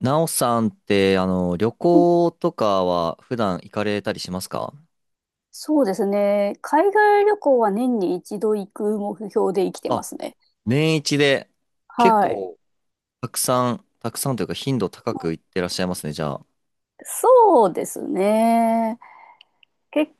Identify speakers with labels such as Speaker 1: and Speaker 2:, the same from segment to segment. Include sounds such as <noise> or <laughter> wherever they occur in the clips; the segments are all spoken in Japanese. Speaker 1: なおさんって、旅
Speaker 2: はい。
Speaker 1: 行とかは普段行かれたりしますか？
Speaker 2: そうですね。海外旅行は年に一度行く目標で生きてま
Speaker 1: あ、
Speaker 2: すね。
Speaker 1: 年一で結
Speaker 2: はい。
Speaker 1: 構たくさん、たくさんというか頻度高
Speaker 2: う
Speaker 1: く
Speaker 2: ん。
Speaker 1: 行ってらっしゃいますね、じゃあ。
Speaker 2: そうですね。結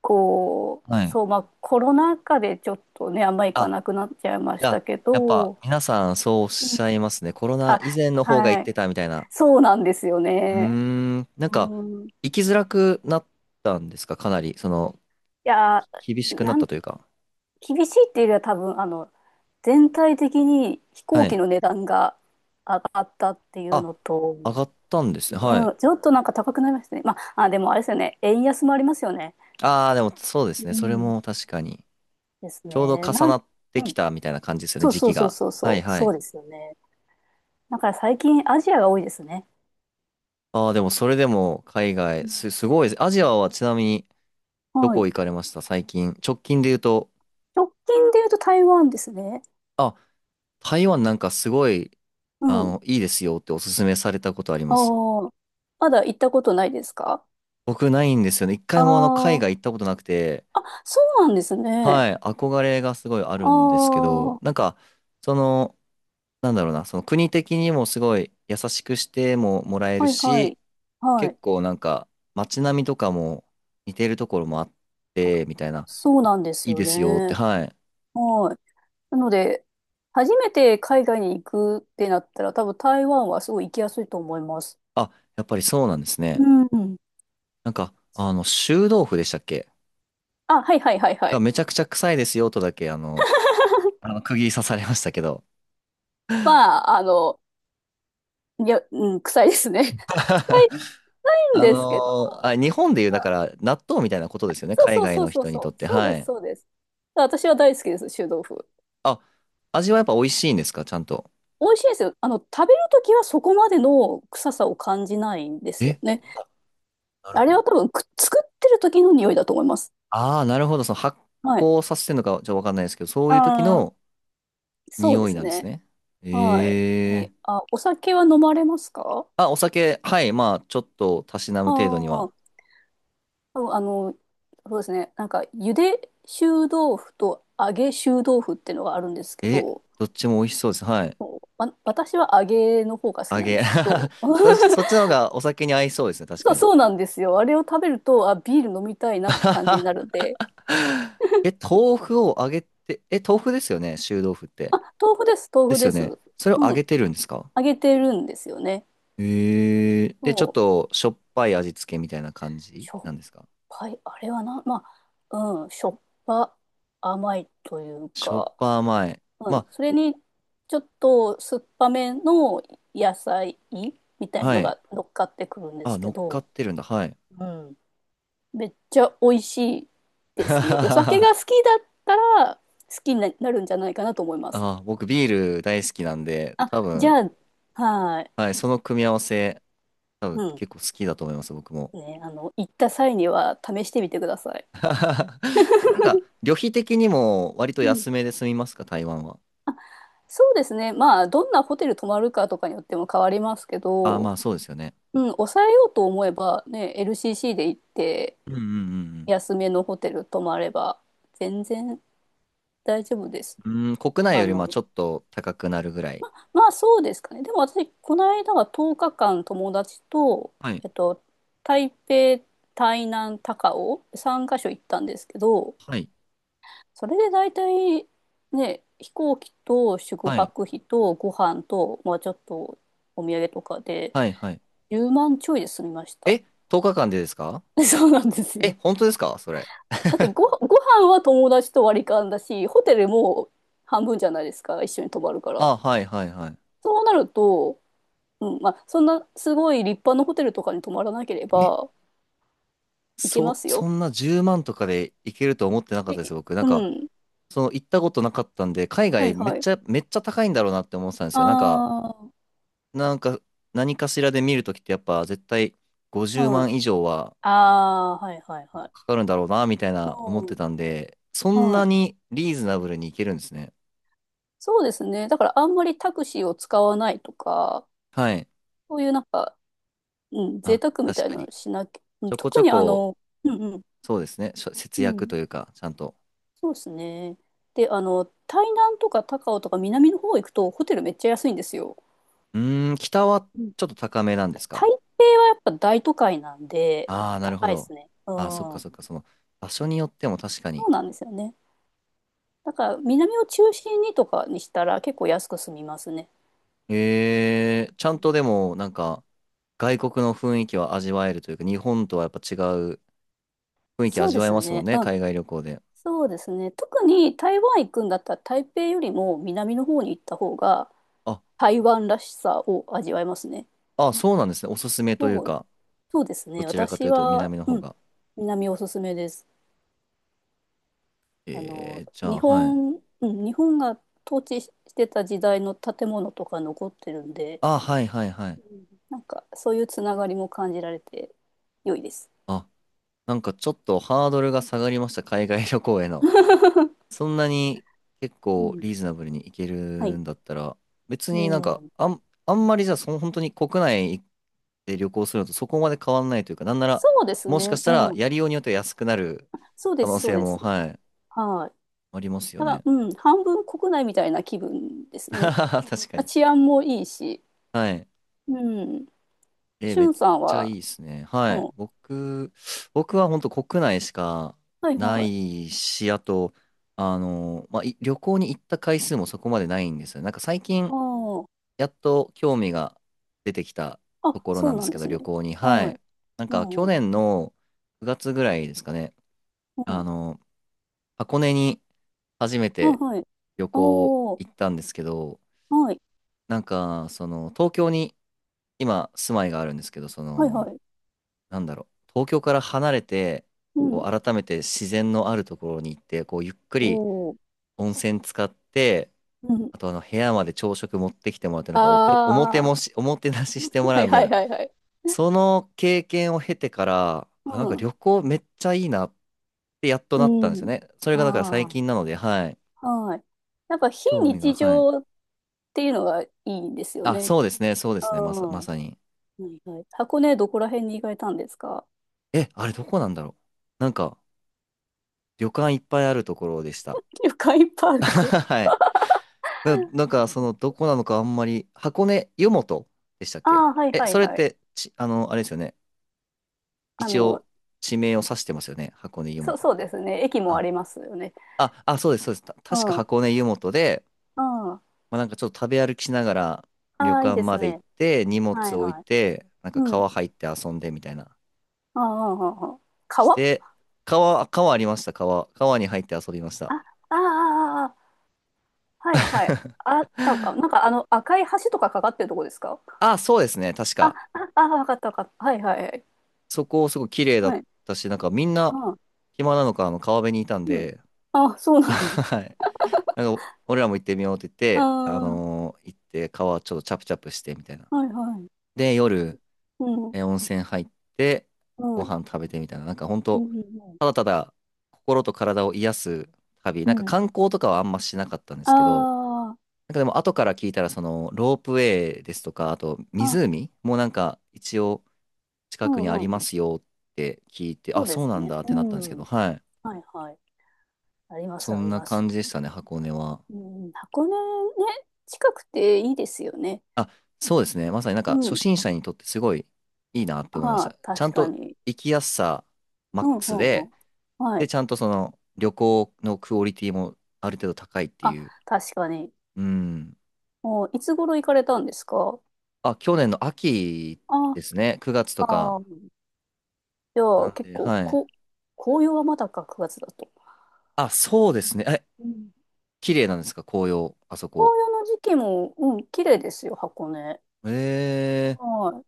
Speaker 2: 構、
Speaker 1: はい。
Speaker 2: そう、まあコロナ禍でちょっとね、あんま行か
Speaker 1: あ、
Speaker 2: なくなっちゃいま
Speaker 1: じ
Speaker 2: し
Speaker 1: ゃ
Speaker 2: た
Speaker 1: あ、
Speaker 2: け
Speaker 1: やっぱ
Speaker 2: ど、
Speaker 1: 皆さんそうおっ
Speaker 2: う
Speaker 1: し
Speaker 2: ん。
Speaker 1: ゃいますね。コロナ
Speaker 2: あ、
Speaker 1: 以前の方が行
Speaker 2: は
Speaker 1: っ
Speaker 2: い。
Speaker 1: てたみたいな。
Speaker 2: そうなんですよ
Speaker 1: うー
Speaker 2: ね。
Speaker 1: なんか、
Speaker 2: うん。い
Speaker 1: 行きづらくなったんですか？かなり、その、
Speaker 2: や、
Speaker 1: 厳しくなっ
Speaker 2: な
Speaker 1: た
Speaker 2: ん、
Speaker 1: というか。
Speaker 2: 厳しいっていうよりは多分、全体的に飛
Speaker 1: は
Speaker 2: 行機
Speaker 1: い。
Speaker 2: の値段が上がったっていう
Speaker 1: あ、
Speaker 2: のと、
Speaker 1: 上がったんですね。は
Speaker 2: う
Speaker 1: い。
Speaker 2: ん、ちょっとなんか高くなりましたね。まあ、あ、でもあれですよね。円安もありますよね。
Speaker 1: ああ、でもそうですね。
Speaker 2: う
Speaker 1: それ
Speaker 2: ん。
Speaker 1: も確かに。
Speaker 2: です
Speaker 1: ちょうど
Speaker 2: ね。
Speaker 1: 重なって
Speaker 2: う
Speaker 1: き
Speaker 2: ん。
Speaker 1: たみたいな感じですよね、
Speaker 2: そう
Speaker 1: 時
Speaker 2: そう
Speaker 1: 期
Speaker 2: そう
Speaker 1: が。
Speaker 2: そう
Speaker 1: は
Speaker 2: そ
Speaker 1: い
Speaker 2: う。
Speaker 1: は
Speaker 2: そう
Speaker 1: い。
Speaker 2: ですよね。だから最近アジアが多いですね。
Speaker 1: ああ、でもそれでも海
Speaker 2: う
Speaker 1: 外、
Speaker 2: ん。
Speaker 1: すごいです。アジアはちなみにど
Speaker 2: は
Speaker 1: こ
Speaker 2: い。
Speaker 1: 行かれました最近？直近で言うと、
Speaker 2: 直近で言うと台湾ですね。
Speaker 1: あ、台湾なんかすごい、
Speaker 2: うん。
Speaker 1: いいですよっておすすめされたことあり
Speaker 2: あ
Speaker 1: ます。
Speaker 2: あ。まだ行ったことないですか？
Speaker 1: 僕ないんですよね。一
Speaker 2: あ
Speaker 1: 回も海
Speaker 2: あー。
Speaker 1: 外行ったことなくて、
Speaker 2: あ、そうなんです
Speaker 1: は
Speaker 2: ね。
Speaker 1: い、憧れがすごいある
Speaker 2: あ
Speaker 1: んですけ
Speaker 2: あ。
Speaker 1: ど、
Speaker 2: は
Speaker 1: なんか、その、なんだろうな、その国的にもすごい優しくしてももらえる
Speaker 2: いは
Speaker 1: し、
Speaker 2: い。は
Speaker 1: 結
Speaker 2: い。
Speaker 1: 構なんか街並みとかも似てるところもあって、みたいな、
Speaker 2: そうなんです
Speaker 1: いい
Speaker 2: よ
Speaker 1: ですよって、
Speaker 2: ね。
Speaker 1: はい。
Speaker 2: はい。なので、初めて海外に行くってなったら、多分台湾はすごい行きやすいと思います。
Speaker 1: あ、やっぱりそうなんです
Speaker 2: う
Speaker 1: ね。
Speaker 2: ん。
Speaker 1: なんか、臭豆腐でしたっけ？
Speaker 2: あ、はいはいはいは
Speaker 1: が
Speaker 2: い。
Speaker 1: めちゃくちゃ臭いですよとだけ、
Speaker 2: <laughs>
Speaker 1: あの釘刺されましたけど。
Speaker 2: まあ、いや、うん、臭いですね。<laughs> 臭
Speaker 1: <laughs>
Speaker 2: いんですけど、
Speaker 1: 日本でいう、だから納豆みたいなことですよね。
Speaker 2: そう
Speaker 1: 海
Speaker 2: そう
Speaker 1: 外
Speaker 2: そう
Speaker 1: の
Speaker 2: そう
Speaker 1: 人に
Speaker 2: そ
Speaker 1: とっ
Speaker 2: う、
Speaker 1: て。
Speaker 2: そう
Speaker 1: は
Speaker 2: です、
Speaker 1: い。
Speaker 2: そうです。私は大好きです、臭豆腐。
Speaker 1: あ、味はやっぱ美味しいんですか？ちゃんと。
Speaker 2: 美味しいですよ。食べるときはそこまでの臭さを感じないんですよ
Speaker 1: え
Speaker 2: ね。
Speaker 1: あなる
Speaker 2: あ
Speaker 1: ほ
Speaker 2: れ
Speaker 1: ど。
Speaker 2: は多分作ってる時の匂いだと思います。
Speaker 1: ああ、なるほど。その発
Speaker 2: はい。
Speaker 1: 酵させてるのかちょっとわかんないですけど、そういう時
Speaker 2: あ
Speaker 1: の
Speaker 2: あ、そうで
Speaker 1: 匂い
Speaker 2: す
Speaker 1: なんです
Speaker 2: ね。
Speaker 1: ね。
Speaker 2: はい。
Speaker 1: え
Speaker 2: え、
Speaker 1: え、
Speaker 2: あ、お酒は飲まれますか？
Speaker 1: あ、お酒、はい。まあ、ちょっとたしなむ
Speaker 2: あ
Speaker 1: 程度には。
Speaker 2: あ。そう、そうですね。なんか、ゆで臭豆腐と揚げ臭豆腐っていうのがあるんですけ
Speaker 1: え、
Speaker 2: ど、
Speaker 1: どっちも美味しそうです。はい。
Speaker 2: そう、私は揚げの方が好き
Speaker 1: 揚
Speaker 2: なんで
Speaker 1: げ。
Speaker 2: すけど、<laughs> あ、
Speaker 1: <laughs> そっちの方がお酒に合いそうですね。確
Speaker 2: そ
Speaker 1: か
Speaker 2: う、
Speaker 1: に。
Speaker 2: そうなんですよ。あれを食べると、あ、ビール飲みたいなって感じになるん
Speaker 1: <laughs>
Speaker 2: で、
Speaker 1: え、豆腐を揚げて、え、豆腐ですよね。臭豆腐っ
Speaker 2: あ、
Speaker 1: て。
Speaker 2: 豆腐です、豆
Speaker 1: で
Speaker 2: 腐
Speaker 1: す
Speaker 2: で
Speaker 1: よ
Speaker 2: す。う
Speaker 1: ね。それを揚
Speaker 2: ん、
Speaker 1: げてるんですか？
Speaker 2: 揚げてるんですよね。
Speaker 1: ええ、で、ちょっ
Speaker 2: そう、
Speaker 1: としょっぱい味付けみたいな感じ
Speaker 2: しょっ
Speaker 1: なんですか？
Speaker 2: ぱい、あれはな、まあ、うん、しょっぱ、甘いという
Speaker 1: しょっ
Speaker 2: か、
Speaker 1: ぱ甘い。
Speaker 2: はい。
Speaker 1: ま
Speaker 2: それに、ちょっと酸っぱめの野菜みた
Speaker 1: あ、
Speaker 2: い
Speaker 1: は
Speaker 2: の
Speaker 1: い。
Speaker 2: が乗っかってくるんで
Speaker 1: あ、
Speaker 2: す
Speaker 1: 乗
Speaker 2: け
Speaker 1: っかっ
Speaker 2: ど、
Speaker 1: てるんだ。はい。
Speaker 2: うん。めっちゃ美味しい
Speaker 1: <laughs>
Speaker 2: ですよ。お酒
Speaker 1: あ
Speaker 2: が好きだったら好きになるんじゃないかなと思います。
Speaker 1: ー、僕ビール大好きなんで、
Speaker 2: あ、
Speaker 1: 多
Speaker 2: じ
Speaker 1: 分、
Speaker 2: ゃあ、はい。
Speaker 1: はい、その組み合わせ、多分
Speaker 2: うん。
Speaker 1: 結構好きだと思います、僕も。
Speaker 2: ね、行った際には試してみてください。
Speaker 1: <laughs> なんか、旅費的にも割と
Speaker 2: うん。
Speaker 1: 安めで済みますか、台湾は？
Speaker 2: そうですね。まあ、どんなホテル泊まるかとかによっても変わりますけ
Speaker 1: ああ、ま
Speaker 2: ど、
Speaker 1: あそうですよね。
Speaker 2: うん、抑えようと思えばね、LCC で行って、
Speaker 1: うんうん
Speaker 2: 安めのホテル泊まれば全然大丈夫です。
Speaker 1: うんうん。うん、国内
Speaker 2: あ
Speaker 1: よりま
Speaker 2: の、
Speaker 1: あちょっと高くなるぐらい。
Speaker 2: まあそうですかね。でも私、この間は10日間友達と、
Speaker 1: はい。
Speaker 2: えっと、台北、台南、高雄、3カ所行ったんですけど、
Speaker 1: はい。
Speaker 2: それで大体ね、飛行機と宿
Speaker 1: はい。
Speaker 2: 泊費とご飯と、まあちょっとお土産とかで
Speaker 1: はい。はい。
Speaker 2: 10万ちょいで済みました。
Speaker 1: え、10日間でですか？
Speaker 2: <laughs> そうなんです
Speaker 1: え、
Speaker 2: よ。
Speaker 1: 本当ですかそれ。
Speaker 2: だっ
Speaker 1: <laughs>
Speaker 2: てご飯は友達と割り勘だし、ホテルも半分じゃないですか、一緒に泊まるから。
Speaker 1: あ、はいはいはい。
Speaker 2: そうなると、うん、まあ、そんなすごい立派なホテルとかに泊まらなければ行けますよ。
Speaker 1: そんな10万とかで行けると思ってなかった
Speaker 2: え、
Speaker 1: です、僕。なん
Speaker 2: う
Speaker 1: か、
Speaker 2: ん。
Speaker 1: その行ったことなかったんで、海
Speaker 2: は
Speaker 1: 外
Speaker 2: い
Speaker 1: めっ
Speaker 2: はい。
Speaker 1: ちゃ、めっちゃ高いんだろうなって思ってたんですよ。なんか、
Speaker 2: あ
Speaker 1: なんか、何かしらで見るときってやっぱ絶対
Speaker 2: あ、
Speaker 1: 50
Speaker 2: はい。
Speaker 1: 万以上は
Speaker 2: あ
Speaker 1: なんか
Speaker 2: あ、はいはいはい。
Speaker 1: かかるんだろうな、みたいな思っ
Speaker 2: う
Speaker 1: て
Speaker 2: ん、
Speaker 1: たんで、そん
Speaker 2: は
Speaker 1: な
Speaker 2: い。
Speaker 1: にリーズナブルに行けるんですね。
Speaker 2: そうですね。だからあんまりタクシーを使わないとか、
Speaker 1: はい。
Speaker 2: そういうなんか、うん、贅
Speaker 1: あ、
Speaker 2: 沢み
Speaker 1: 確
Speaker 2: たい
Speaker 1: か
Speaker 2: な
Speaker 1: に。
Speaker 2: のしなきゃ、うん、
Speaker 1: ちょこち
Speaker 2: 特
Speaker 1: ょ
Speaker 2: に
Speaker 1: こ、
Speaker 2: うんうん。
Speaker 1: そうですね。
Speaker 2: う
Speaker 1: 節約
Speaker 2: ん。
Speaker 1: というか、ちゃんと。
Speaker 2: そうですね。で、台南とか高雄とか南の方行くとホテルめっちゃ安いんですよ。
Speaker 1: うーん、北は
Speaker 2: うん。
Speaker 1: ちょっと高めなんです
Speaker 2: 台
Speaker 1: か？
Speaker 2: 北はやっぱ大都会なんで
Speaker 1: ああ、なるほ
Speaker 2: 高いで
Speaker 1: ど。
Speaker 2: すね。うん。
Speaker 1: ああ、そっか
Speaker 2: そ
Speaker 1: そっか、その、場所によっても確かに。
Speaker 2: うなんですよね。だから南を中心にとかにしたら結構安く済みますね。
Speaker 1: えー、ちゃ
Speaker 2: う
Speaker 1: んと
Speaker 2: ん。
Speaker 1: でも、なんか、外国の雰囲気は味わえるというか、日本とはやっぱ違う雰囲気
Speaker 2: そう
Speaker 1: 味
Speaker 2: で
Speaker 1: わえ
Speaker 2: す
Speaker 1: ますもん
Speaker 2: ね。
Speaker 1: ね、
Speaker 2: うん。
Speaker 1: 海外旅行で。
Speaker 2: そうですね。特に台湾行くんだったら台北よりも南の方に行った方が
Speaker 1: あ、
Speaker 2: 台湾らしさを味わえますね。
Speaker 1: あ、そうなんですね。おすすめという
Speaker 2: そう、
Speaker 1: か、
Speaker 2: そうです
Speaker 1: ど
Speaker 2: ね。
Speaker 1: ちらかと
Speaker 2: 私
Speaker 1: いうと
Speaker 2: は、
Speaker 1: 南の方
Speaker 2: うん、
Speaker 1: が。
Speaker 2: 南おすすめです。
Speaker 1: えーじゃ
Speaker 2: 日
Speaker 1: あ、はい。
Speaker 2: 本、うん、日本が統治してた時代の建物とか残ってるんで、
Speaker 1: あ、はいはいはい。
Speaker 2: うん。なんかそういうつながりも感じられて良いです。
Speaker 1: あ、なんかちょっとハードルが下がりました、海外旅行への。
Speaker 2: <laughs>
Speaker 1: そんなに結
Speaker 2: う
Speaker 1: 構
Speaker 2: ん。
Speaker 1: リーズナブルにいける
Speaker 2: はい。
Speaker 1: んだったら、別になん
Speaker 2: う
Speaker 1: か、
Speaker 2: ん。
Speaker 1: あんまりじゃあその本当に国内で旅行するのとそこまで変わんないというか、なんなら、
Speaker 2: そうです
Speaker 1: もしか
Speaker 2: ね。
Speaker 1: した
Speaker 2: う
Speaker 1: ら
Speaker 2: ん。
Speaker 1: やりようによっては安くなる
Speaker 2: そうで
Speaker 1: 可能
Speaker 2: す、そう
Speaker 1: 性
Speaker 2: で
Speaker 1: も、
Speaker 2: す。
Speaker 1: はい、
Speaker 2: はい。
Speaker 1: ありますよ
Speaker 2: だから、
Speaker 1: ね。
Speaker 2: うん、半分国内みたいな気分ですね。
Speaker 1: <laughs> 確か
Speaker 2: まあ、
Speaker 1: に。
Speaker 2: 治安もいいし。
Speaker 1: はい。
Speaker 2: うん。
Speaker 1: えー
Speaker 2: し
Speaker 1: め
Speaker 2: ゅ
Speaker 1: っ
Speaker 2: んさん
Speaker 1: ちゃいい
Speaker 2: は、
Speaker 1: ですね。は
Speaker 2: う
Speaker 1: い。
Speaker 2: ん。
Speaker 1: 僕は本当国内しか
Speaker 2: はい
Speaker 1: な
Speaker 2: はい。
Speaker 1: いし、あと、まあ、旅行に行った回数もそこまでないんですよね。なんか最近、
Speaker 2: あ
Speaker 1: やっと興味が出てきた
Speaker 2: あ。あ、
Speaker 1: ところ
Speaker 2: そ
Speaker 1: なん
Speaker 2: う
Speaker 1: で
Speaker 2: な
Speaker 1: す
Speaker 2: ん
Speaker 1: け
Speaker 2: で
Speaker 1: ど、
Speaker 2: すね。
Speaker 1: 旅行に。は
Speaker 2: はい。
Speaker 1: い。なん
Speaker 2: う
Speaker 1: か
Speaker 2: ん
Speaker 1: 去
Speaker 2: うん。
Speaker 1: 年の9月ぐらいですかね、
Speaker 2: う
Speaker 1: あ
Speaker 2: ん。
Speaker 1: の、箱根に初め
Speaker 2: あ、
Speaker 1: て
Speaker 2: はい。
Speaker 1: 旅行
Speaker 2: おー、
Speaker 1: 行ったんですけど、
Speaker 2: はい。
Speaker 1: なんか、その、東京に今住まいがあるんですけど、そ
Speaker 2: はいは
Speaker 1: の、
Speaker 2: い。
Speaker 1: なんだろう、東京から離れて、
Speaker 2: う
Speaker 1: こ
Speaker 2: ん。
Speaker 1: う、改めて自然のあるところに行って、こう、ゆっくり
Speaker 2: おー。
Speaker 1: 温泉使って、
Speaker 2: うん。
Speaker 1: あとあの部屋まで朝食持ってきてもらって、なんか
Speaker 2: ああ、
Speaker 1: おもてなししても
Speaker 2: <laughs> は
Speaker 1: ら
Speaker 2: い
Speaker 1: うみたい
Speaker 2: はい
Speaker 1: な
Speaker 2: はいはい。
Speaker 1: その経験を経てから、
Speaker 2: う
Speaker 1: あ、なんか
Speaker 2: ん。
Speaker 1: 旅行めっちゃいいなってやっとなった
Speaker 2: う
Speaker 1: んですよ
Speaker 2: ん。
Speaker 1: ね。それがだから最
Speaker 2: あ
Speaker 1: 近なので、はい。
Speaker 2: あ、はい。なんか非
Speaker 1: 興味が、
Speaker 2: 日
Speaker 1: はい。
Speaker 2: 常っていうのがいいんですよ
Speaker 1: あ、
Speaker 2: ね。
Speaker 1: そうですね、そうで
Speaker 2: あ
Speaker 1: すね、
Speaker 2: あ、
Speaker 1: ま
Speaker 2: は
Speaker 1: さに。
Speaker 2: いはい。箱根どこら辺に行かれたんですか？
Speaker 1: え、あれどこなんだろう。なんか、旅館いっぱいあるところでした。
Speaker 2: 旅館 <laughs> いっぱいあ
Speaker 1: <laughs>
Speaker 2: るとこ。
Speaker 1: はい。なんか、その、どこなのかあんまり、箱根湯本でしたっ
Speaker 2: あ
Speaker 1: け？
Speaker 2: あ、はい
Speaker 1: え、
Speaker 2: はい
Speaker 1: それっ
Speaker 2: はい。
Speaker 1: て、ち、あの、あれですよね。
Speaker 2: あ
Speaker 1: 一
Speaker 2: の、
Speaker 1: 応、地名を指してますよね。箱根湯
Speaker 2: そう、
Speaker 1: 本っ
Speaker 2: そうで
Speaker 1: て。
Speaker 2: すね。駅もあ
Speaker 1: あ、
Speaker 2: りますよね。
Speaker 1: そうです、そうです。
Speaker 2: う
Speaker 1: 確か
Speaker 2: ん。あ
Speaker 1: 箱根湯本で、
Speaker 2: あ、
Speaker 1: まあ、なんかちょっと食べ歩きしながら旅
Speaker 2: ああ、いい
Speaker 1: 館
Speaker 2: です
Speaker 1: まで行っ
Speaker 2: ね。
Speaker 1: て荷物
Speaker 2: はい
Speaker 1: 置い
Speaker 2: はい。
Speaker 1: てなんか
Speaker 2: うん。
Speaker 1: 川入って遊んでみたいな
Speaker 2: ああ、ああ、ああ、
Speaker 1: し
Speaker 2: 川、
Speaker 1: て、川ありました。川に入って遊びました。
Speaker 2: あ、ああ、ああ、はいはい。あったか。なん
Speaker 1: <laughs>
Speaker 2: かあの赤い橋とかかかってるとこですか？
Speaker 1: あ、そうですね、確
Speaker 2: あ、
Speaker 1: か
Speaker 2: あ、あ、わかったわかった。はいはいはい。
Speaker 1: そこすごい綺麗だ
Speaker 2: は
Speaker 1: っ
Speaker 2: い。
Speaker 1: たし、なんかみんな
Speaker 2: ああ、
Speaker 1: 暇なのかあの川辺にいたん
Speaker 2: うん。
Speaker 1: で。
Speaker 2: あ、そう
Speaker 1: <laughs>
Speaker 2: なの。
Speaker 1: はい、なんか俺らも行ってみようって言って
Speaker 2: あ
Speaker 1: 行って川ちょっとチャプチャプしてみたいな
Speaker 2: あ、はいはい。
Speaker 1: で、夜
Speaker 2: うん。
Speaker 1: えー温泉入ってご
Speaker 2: はい。
Speaker 1: 飯食べてみたいな、なんか本
Speaker 2: うん
Speaker 1: 当
Speaker 2: うん
Speaker 1: ただただ心と体を癒す旅、
Speaker 2: う
Speaker 1: なんか
Speaker 2: ん。うん。
Speaker 1: 観光とかはあんましなかったんですけど、
Speaker 2: あ
Speaker 1: なんかでも後から聞いたらそのロープウェイですとか、あと
Speaker 2: あ、あ、
Speaker 1: 湖もなんか一応近
Speaker 2: う
Speaker 1: くにあ
Speaker 2: ん
Speaker 1: り
Speaker 2: う
Speaker 1: ま
Speaker 2: ん。
Speaker 1: すよって聞いて、
Speaker 2: そ
Speaker 1: あ、
Speaker 2: うで
Speaker 1: そう
Speaker 2: す
Speaker 1: なん
Speaker 2: ね。
Speaker 1: だっ
Speaker 2: う
Speaker 1: てなったんですけ
Speaker 2: ん。
Speaker 1: ど、はい。
Speaker 2: はいはい。あります、
Speaker 1: そ
Speaker 2: あ
Speaker 1: ん
Speaker 2: り
Speaker 1: な
Speaker 2: ます。
Speaker 1: 感じでしたね、箱根は。
Speaker 2: うん、箱根ね、近くていいですよね。
Speaker 1: あ、そうですね。まさになんか
Speaker 2: う
Speaker 1: 初
Speaker 2: ん。
Speaker 1: 心者にとってすごいいいなって思いま
Speaker 2: あ
Speaker 1: し
Speaker 2: あ、
Speaker 1: た。ちゃん
Speaker 2: 確か
Speaker 1: と
Speaker 2: に。
Speaker 1: 行きやすさマ
Speaker 2: う
Speaker 1: ッ
Speaker 2: ん
Speaker 1: ク
Speaker 2: う
Speaker 1: ス
Speaker 2: んう
Speaker 1: で、
Speaker 2: ん。は
Speaker 1: で、
Speaker 2: い。
Speaker 1: ちゃんとその旅行のクオリティもある程度高いって
Speaker 2: あ、
Speaker 1: いう。
Speaker 2: 確かに。
Speaker 1: うん。
Speaker 2: お、いつ頃行かれたんですか？
Speaker 1: あ、去年の秋
Speaker 2: あ、
Speaker 1: ですね。9月と
Speaker 2: あ
Speaker 1: か。
Speaker 2: ー、じゃ
Speaker 1: な
Speaker 2: あ
Speaker 1: ん
Speaker 2: 結
Speaker 1: で、
Speaker 2: 構、
Speaker 1: はい。
Speaker 2: 紅葉はまだか9月だと。
Speaker 1: あ、そうですね。え、
Speaker 2: うん。
Speaker 1: 綺麗なんですか紅葉、あそこ？
Speaker 2: 紅葉の時期も、うん、綺麗ですよ、箱根。
Speaker 1: えー、
Speaker 2: はい。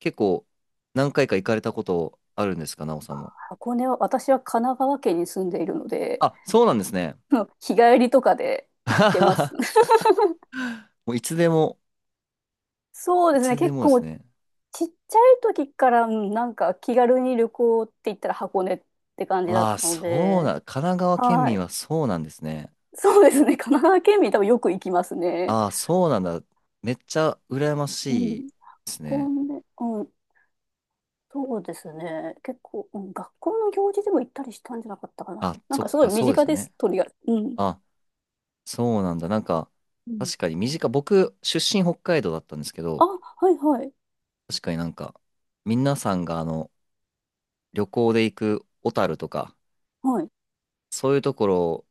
Speaker 1: 結構何回か行かれたことあるんですか、なおさんも？
Speaker 2: 箱根は、私は神奈川県に住んでいるので、
Speaker 1: あ、そうなんですね。
Speaker 2: <laughs> 日帰りとかで
Speaker 1: <laughs> あ
Speaker 2: 行っ
Speaker 1: は
Speaker 2: て
Speaker 1: は
Speaker 2: ます。
Speaker 1: は
Speaker 2: <laughs>
Speaker 1: もういつでも、
Speaker 2: そう
Speaker 1: い
Speaker 2: ですね、
Speaker 1: つで
Speaker 2: 結
Speaker 1: もです
Speaker 2: 構、
Speaker 1: ね。
Speaker 2: ちっちゃい時から、うん。なんか気軽に旅行って言ったら箱根って感じだっ
Speaker 1: ああ、
Speaker 2: たの
Speaker 1: そう
Speaker 2: で、
Speaker 1: な、神奈川県
Speaker 2: は
Speaker 1: 民
Speaker 2: い。
Speaker 1: はそうなんですね。
Speaker 2: そうですね、神奈川県民多分よく行きますね。
Speaker 1: ああ、そうなんだ。めっちゃ羨ま
Speaker 2: う
Speaker 1: しい
Speaker 2: ん。
Speaker 1: ですね。
Speaker 2: うん、そうですね。結構、うん、学校の行事でも行ったりしたんじゃなかったかな。
Speaker 1: あ、
Speaker 2: なん
Speaker 1: そ
Speaker 2: か
Speaker 1: っ
Speaker 2: すごい
Speaker 1: か、
Speaker 2: 身
Speaker 1: そうです
Speaker 2: 近
Speaker 1: よ
Speaker 2: で
Speaker 1: ね。
Speaker 2: す、とりあえず。うん。
Speaker 1: あ、そうなんだ。なんか、
Speaker 2: うん。
Speaker 1: 確かに身近、僕、出身北海道だったんですけ
Speaker 2: あ、
Speaker 1: ど、
Speaker 2: はいはい。
Speaker 1: 確かになんか、皆さんが旅行で行く小樽とか、
Speaker 2: はい。
Speaker 1: そういうところ、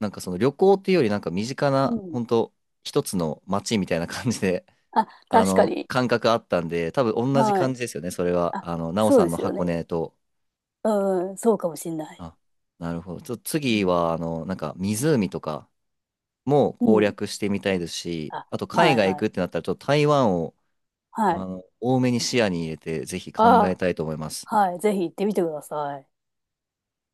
Speaker 1: なんかその旅行っていうよりなんか身近
Speaker 2: う
Speaker 1: な、
Speaker 2: ん。
Speaker 1: 本当一つの街みたいな感じで、
Speaker 2: あ、
Speaker 1: <laughs>
Speaker 2: 確かに。
Speaker 1: 感覚あったんで、多分同じ
Speaker 2: はい。
Speaker 1: 感じですよね、それは。
Speaker 2: あ、
Speaker 1: 奈緒
Speaker 2: そう
Speaker 1: さ
Speaker 2: で
Speaker 1: んの
Speaker 2: すよ
Speaker 1: 箱
Speaker 2: ね。
Speaker 1: 根と。
Speaker 2: うん、そうかもしんない。
Speaker 1: あ、なるほど。ちょっと
Speaker 2: う
Speaker 1: 次
Speaker 2: ん。
Speaker 1: は、なんか湖とかも
Speaker 2: う
Speaker 1: 攻
Speaker 2: ん。
Speaker 1: 略してみたいですし、
Speaker 2: あ、
Speaker 1: あと海
Speaker 2: はい
Speaker 1: 外行
Speaker 2: はい。
Speaker 1: くってなったら、ちょっと台湾を
Speaker 2: は
Speaker 1: あ
Speaker 2: い。
Speaker 1: の多めに視野に入れて、ぜひ考え
Speaker 2: あ、
Speaker 1: たいと思います。
Speaker 2: はい。ぜひ行ってみてください。